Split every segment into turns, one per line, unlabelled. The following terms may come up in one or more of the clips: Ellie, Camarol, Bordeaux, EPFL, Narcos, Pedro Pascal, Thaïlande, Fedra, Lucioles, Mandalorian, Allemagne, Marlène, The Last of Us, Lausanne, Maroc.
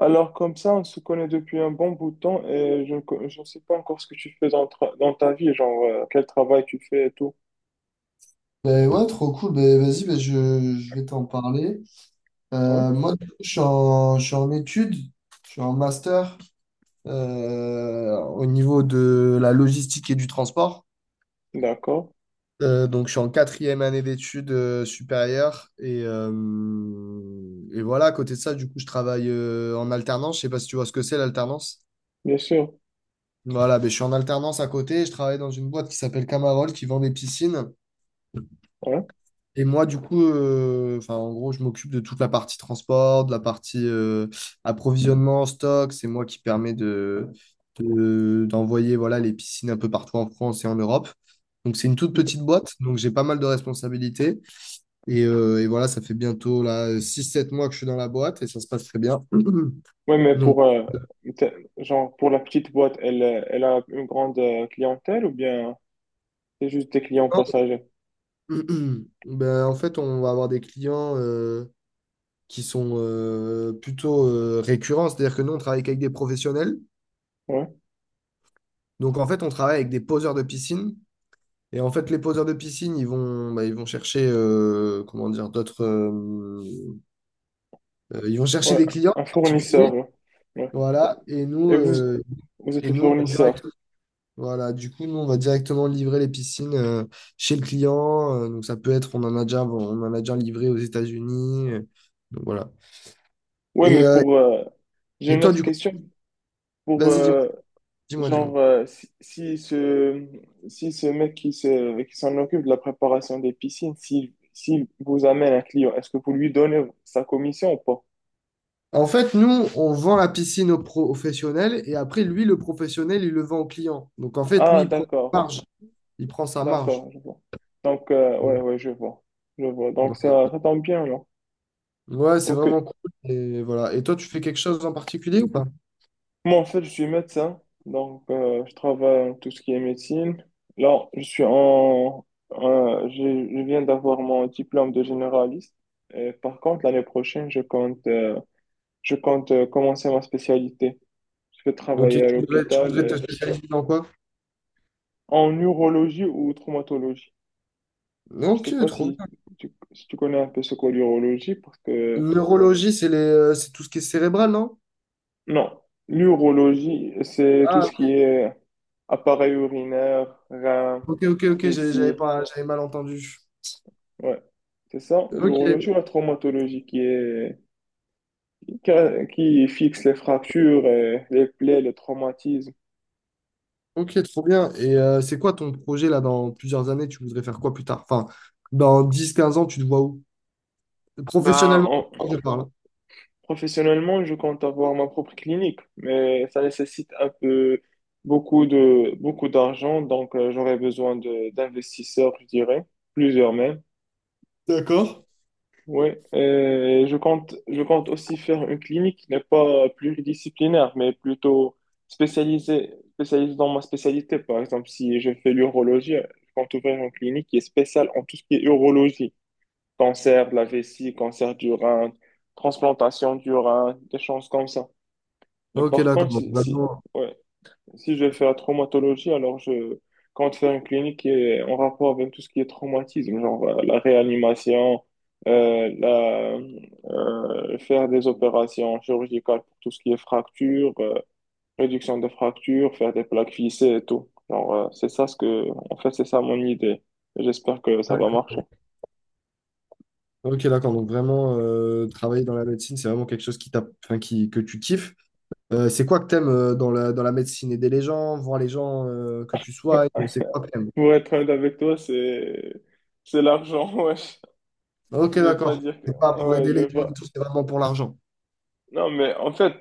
Alors comme ça, on se connaît depuis un bon bout de temps et je ne sais pas encore ce que tu fais dans ta vie, genre quel travail tu fais et tout.
Ben ouais, trop cool. Ben, vas-y, je vais t'en parler.
Ouais,
Moi, du coup, je suis en études, je suis en master au niveau de la logistique et du transport.
d'accord,
Donc, je suis en quatrième année d'études supérieures. Et voilà, à côté de ça, du coup, je travaille en alternance. Je sais pas si tu vois ce que c'est l'alternance.
bien sûr.
Voilà, ben, je suis en alternance à côté. Je travaille dans une boîte qui s'appelle Camarol, qui vend des piscines.
Ouais,
Et moi, du coup, enfin, en gros, je m'occupe de toute la partie transport, de la partie approvisionnement, stock. C'est moi qui permet de- D'envoyer voilà, les piscines un peu partout en France et en Europe. Donc, c'est une toute petite boîte. Donc, j'ai pas mal de responsabilités. Et voilà, ça fait bientôt là, 6-7 mois que je suis dans la boîte et ça se passe très bien.
ouais, mais
Donc,
t'es- genre, pour la petite boîte, elle a une grande clientèle, ou bien c'est juste des clients passagers?
ben, en fait, on va avoir des clients qui sont plutôt récurrents. C'est-à-dire que nous, on travaille qu'avec des professionnels.
Ouais,
Donc en fait, on travaille avec des poseurs de piscine. Et en fait, les poseurs de piscine, ils vont, bah, ils vont chercher, comment dire, d'autres, ils vont chercher
ouais,
des clients
un
particuliers,
fournisseur. Ouais. Ouais.
voilà.
Et vous, vous êtes
Et
le
nous, on va
fournisseur.
direct- Voilà. Du coup, nous, on va directement livrer les piscines chez le client. Donc ça peut être, on en a déjà livré aux États-Unis. Donc voilà.
Ouais,
Et,
mais
euh,
j'ai
et
une
toi,
autre
du coup,
question. Pour,
vas-y,
euh,
dis-moi.
Genre, si ce mec qui s'en occupe de la préparation des piscines, s'il vous amène un client, est-ce que vous lui donnez sa commission ou pas?
En fait, nous, on vend la piscine au professionnel et après, lui, le professionnel, il le vend au client. Donc, en fait, lui,
Ah,
il prend sa
d'accord,
marge. Il prend sa marge.
d'accord, je vois. Donc, ouais, ouais, je vois. Je vois. Donc, ça,
Voilà.
ça tombe bien, là.
Ouais, c'est
OK.
vraiment cool. Et, voilà. Et toi, tu fais quelque chose en particulier ou pas?
Moi, en fait, je suis médecin. Donc, je travaille en tout ce qui est médecine. Là, je suis en, je viens d'avoir mon diplôme de généraliste. Et par contre, l'année prochaine, je compte commencer ma spécialité. Je vais
Ok,
travailler à
tu
l'hôpital
voudrais te spécialiser dans quoi?
en neurologie ou traumatologie. Je sais
Ok,
pas
trop
si
bien.
tu connais un peu ce qu'est l'urologie, parce que
Neurologie, c'est c'est tout ce qui est cérébral, non?
non, l'urologie, c'est tout
Ah,
ce qui est appareil urinaire, rein,
ok, j'avais
vessie.
pas, j'avais mal entendu.
Ouais. C'est ça,
Ok,
l'urologie, ou la traumatologie qui qui, qui fixe les fractures, les plaies, les traumatismes.
ok, trop bien. Et c'est quoi ton projet là dans plusieurs années? Tu voudrais faire quoi plus tard? Enfin, dans 10, 15 ans, tu te vois où?
Ben,
Professionnellement,
on,
je parle.
Professionnellement, je compte avoir ma propre clinique, mais ça nécessite un peu beaucoup d'argent, donc j'aurais besoin de d'investisseurs, je dirais, plusieurs même.
D'accord.
Oui, je compte aussi faire une clinique qui n'est pas pluridisciplinaire, mais plutôt spécialisée dans ma spécialité. Par exemple, si je fais l'urologie, je compte ouvrir une clinique qui est spéciale en tout ce qui est urologie, cancer de la vessie, cancer du rein, transplantation du rein, des choses comme ça. Mais
Ok,
par
d'accord.
contre,
Donc,
si, si,
vraiment,
ouais, si je vais faire la traumatologie, alors je compte faire une clinique qui est en rapport avec tout ce qui est traumatisme, genre la réanimation, euh, la, faire des opérations chirurgicales pour tout ce qui est fracture, réduction des fractures, faire des plaques lissées et tout. Alors, c'est ça ce que, en fait, c'est ça mon idée. Et j'espère que ça va marcher.
d'accord. Ok, d'accord. Donc, vraiment, travailler dans la médecine, c'est vraiment quelque chose qui t'a, enfin, qui, que tu kiffes. C'est quoi que t'aimes dans dans la médecine? Aider les gens, voir les gens que tu soignes, c'est quoi que t'aimes?
Pour être honnête avec toi, c'est l'argent, wesh.
Ok,
Je vais pas
d'accord.
dire que,
C'est pas pour
ouais,
aider
je
les
vais
gens du
pas,
tout, c'est vraiment pour l'argent.
Non, mais en fait,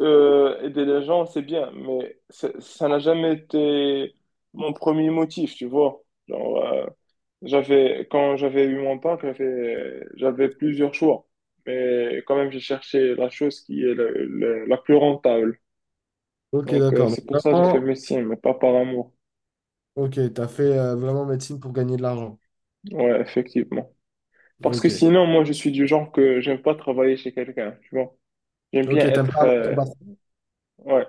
aider les gens, c'est bien, mais ça n'a jamais été mon premier motif, tu vois. Genre, quand j'avais eu mon bac, j'avais plusieurs choix, mais quand même, j'ai cherché la chose qui est la plus rentable.
Ok,
Donc,
d'accord. Donc,
c'est pour ça que j'ai fait
vraiment,
médecine, mais pas par amour.
ok, t'as fait vraiment médecine pour gagner de l'argent.
Ouais, effectivement. Parce que
Ok.
sinon, moi, je suis du genre que j'aime pas travailler chez quelqu'un, tu vois. J'aime bien
Ok, t'aimes pas
être,
avoir ton patron.
ouais.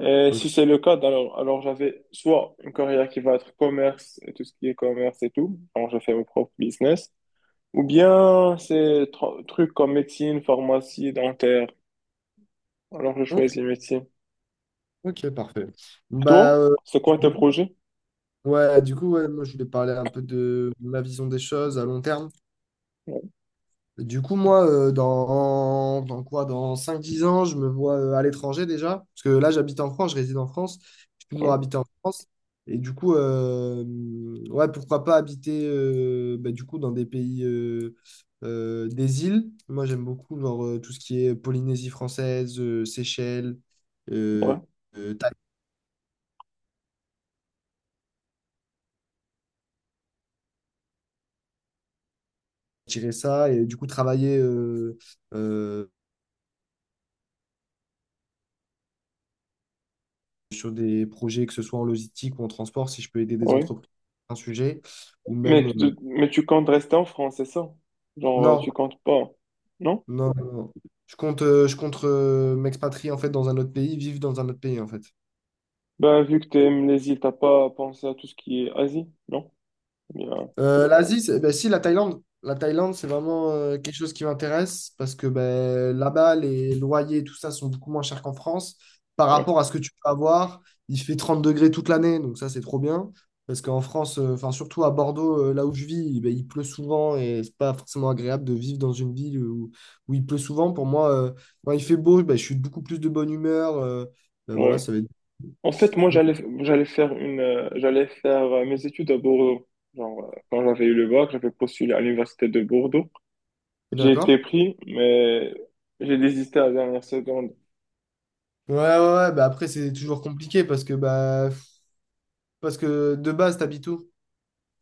Et
Ok,
si c'est le cas, alors j'avais soit une carrière qui va être commerce et tout ce qui est commerce et tout, alors je fais mon propre business, ou bien c'est trucs comme médecine, pharmacie, dentaire, alors je
ok,
choisis médecine.
ok, parfait.
Et
Bah,
toi, c'est quoi tes
du
projets?
Ouais, du coup, ouais, moi, je voulais parler un peu de ma vision des choses à long terme.
Ouais,
Du coup, moi, dans quoi? Dans 5 10 ans, je me vois à l'étranger déjà. Parce que là, j'habite en France, je réside en France. J'ai toujours
ouais,
habité en France. Et du coup, ouais, pourquoi pas habiter bah, du coup, dans des pays, des îles. Moi, j'aime beaucoup genre, tout ce qui est Polynésie française, Seychelles,
ouais.
euh, euh, Thaï- tirer ça. Et du coup, travailler euh, sur des projets, que ce soit en logistique ou en transport, si je peux aider des
Ouais.
entreprises sur un sujet, ou
Mais,
même
tu mais tu comptes rester en France, c'est ça? Genre,
non,
tu comptes pas, non?
non. Je compte m'expatrier en fait dans un autre pays, vivre dans un autre pays en fait.
Ben, vu que tu aimes les îles, t'as pas pensé à tout ce qui est Asie, non? Bien.
L'Asie, ben, si, la Thaïlande. La Thaïlande, c'est vraiment quelque chose qui m'intéresse parce que ben, là-bas, les loyers et tout ça sont beaucoup moins chers qu'en France. Par
Ouais.
rapport à ce que tu peux avoir, il fait 30 degrés toute l'année, donc ça, c'est trop bien. Parce qu'en France, enfin, surtout à Bordeaux, là où je vis, ben, il pleut souvent et c'est pas forcément agréable de vivre dans une ville où il pleut souvent. Pour moi, quand il fait beau, ben, je suis beaucoup plus de bonne humeur. Ben, voilà,
Ouais.
ça va être.
En fait, moi, j'allais faire mes études à Bordeaux. Genre, quand j'avais eu le bac, j'avais postulé à l'université de Bordeaux. J'ai
D'accord?
été pris, mais j'ai désisté à la dernière seconde.
Ouais, bah après c'est toujours compliqué parce que bah parce que de base, t'habites où?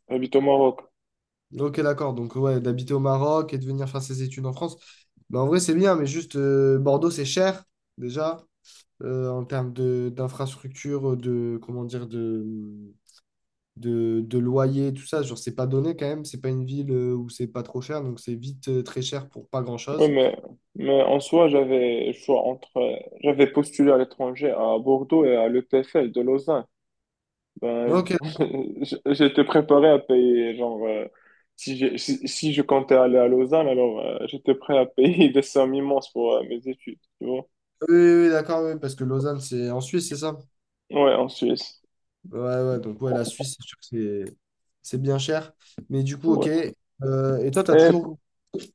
J'habite au Maroc.
Ok, d'accord. Donc, ouais, d'habiter au Maroc et de venir faire ses études en France. Mais en vrai, c'est bien, mais juste Bordeaux, c'est cher, déjà, en termes de d'infrastructure, de, comment dire, de loyer, tout ça. Genre, c'est pas donné quand même. C'est pas une ville où c'est pas trop cher, donc c'est vite très cher pour pas
Oui,
grand-chose.
mais en soi, j'avais le choix entre. J'avais postulé à l'étranger, à Bordeaux et à l'EPFL de Lausanne.
Mais
Ben,
ok,
j'étais préparé à payer, genre, si, j'ai- si, si je comptais aller à Lausanne, alors j'étais prêt à payer des sommes immenses pour mes études, tu vois.
oui, d'accord, oui, parce que Lausanne, c'est en Suisse, c'est ça?
Ouais, en Suisse.
Ouais, ouais, donc ouais, la Suisse, c'est sûr que c'est bien cher. Mais du coup, ok.
Ouais.
Et toi, t'as
Et,
toujours...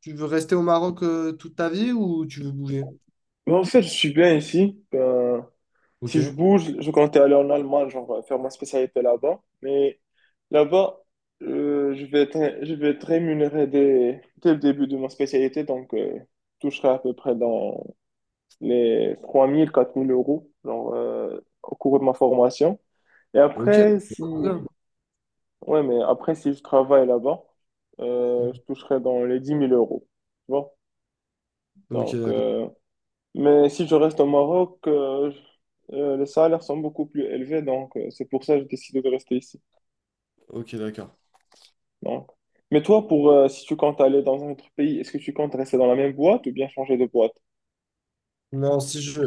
Tu veux rester au Maroc toute ta vie ou tu veux bouger?
mais en fait, je suis bien ici. Ben, si je
Ok.
bouge, je comptais aller en Allemagne, genre faire ma spécialité là-bas. Mais là-bas, je vais être rémunéré dès le début de ma spécialité, donc je toucherai à peu près dans les 3 000, 4 000 euros, genre, au cours de ma formation. Et
Ok.
après, si, ouais, mais après, si je travaille là-bas, je toucherai dans les 10 000 euros. Tu vois?
Ok,
Donc,
d'accord.
mais si je reste au Maroc, les salaires sont beaucoup plus élevés, donc c'est pour ça que j'ai décidé de rester ici.
Ok, d'accord.
Donc. Mais toi, pour si tu comptes aller dans un autre pays, est-ce que tu comptes rester dans la même boîte ou bien changer de boîte?
Non, si je,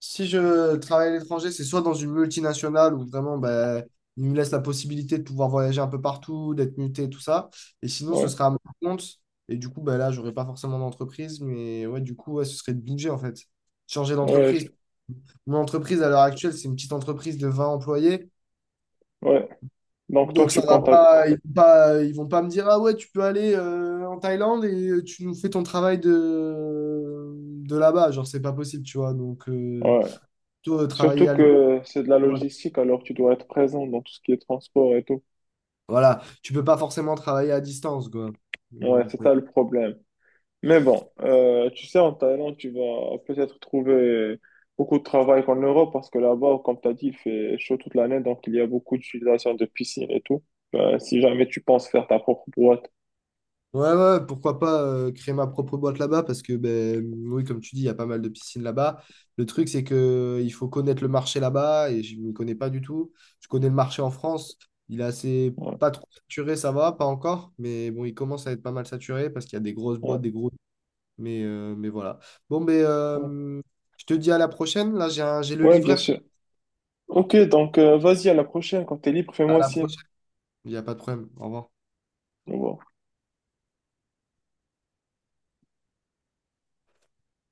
si je travaille à l'étranger, c'est soit dans une multinationale où vraiment, ben, il me laisse la possibilité de pouvoir voyager un peu partout, d'être muté, tout ça. Et sinon, ce
Ouais,
sera à mon compte. Et du coup, ben là, j'aurais pas forcément d'entreprise. Mais ouais, du coup, ouais, ce serait de bouger, en fait. Changer
ouais,
d'entreprise. Mon entreprise, à l'heure actuelle, c'est une petite entreprise de 20 employés.
ouais. Donc toi,
Donc, ça
tu
va
comptes.
pas, ils vont pas me dire, ah ouais, tu peux aller en Thaïlande et tu nous fais ton travail de là-bas. Genre, c'est pas possible, tu vois. Donc,
Ouais.
plutôt travailler
Surtout
à l'étranger.
que c'est de la
Voilà.
logistique, alors tu dois être présent dans tout ce qui est transport et tout.
Voilà. Tu peux pas forcément travailler à distance, quoi. Euh,
Ouais, c'est ça le problème. Mais bon, tu sais, en Thaïlande, tu vas peut-être trouver beaucoup de travail qu'en Europe, parce que là-bas, comme tu as dit, il fait chaud toute l'année, donc il y a beaucoup d'utilisation de piscines et tout. Ben, si jamais tu penses faire ta propre boîte.
Ouais, ouais, pourquoi pas créer ma propre boîte là-bas parce que, ben, oui, comme tu dis, il y a pas mal de piscines là-bas. Le truc, c'est que il faut connaître le marché là-bas et je ne m'y connais pas du tout. Je connais le marché en France. Il est assez
Ouais,
pas trop saturé, ça va, pas encore, mais bon, il commence à être pas mal saturé parce qu'il y a des grosses
ouais,
boîtes, des gros. Mais voilà. Bon,
ouais.
je te dis à la prochaine. Là, j'ai le
Ouais, bien
livreur.
sûr. Ok, donc vas-y, à la prochaine, quand tu es libre,
À
fais-moi
la
signe.
prochaine. Il n'y a pas de problème. Au revoir.
Au revoir.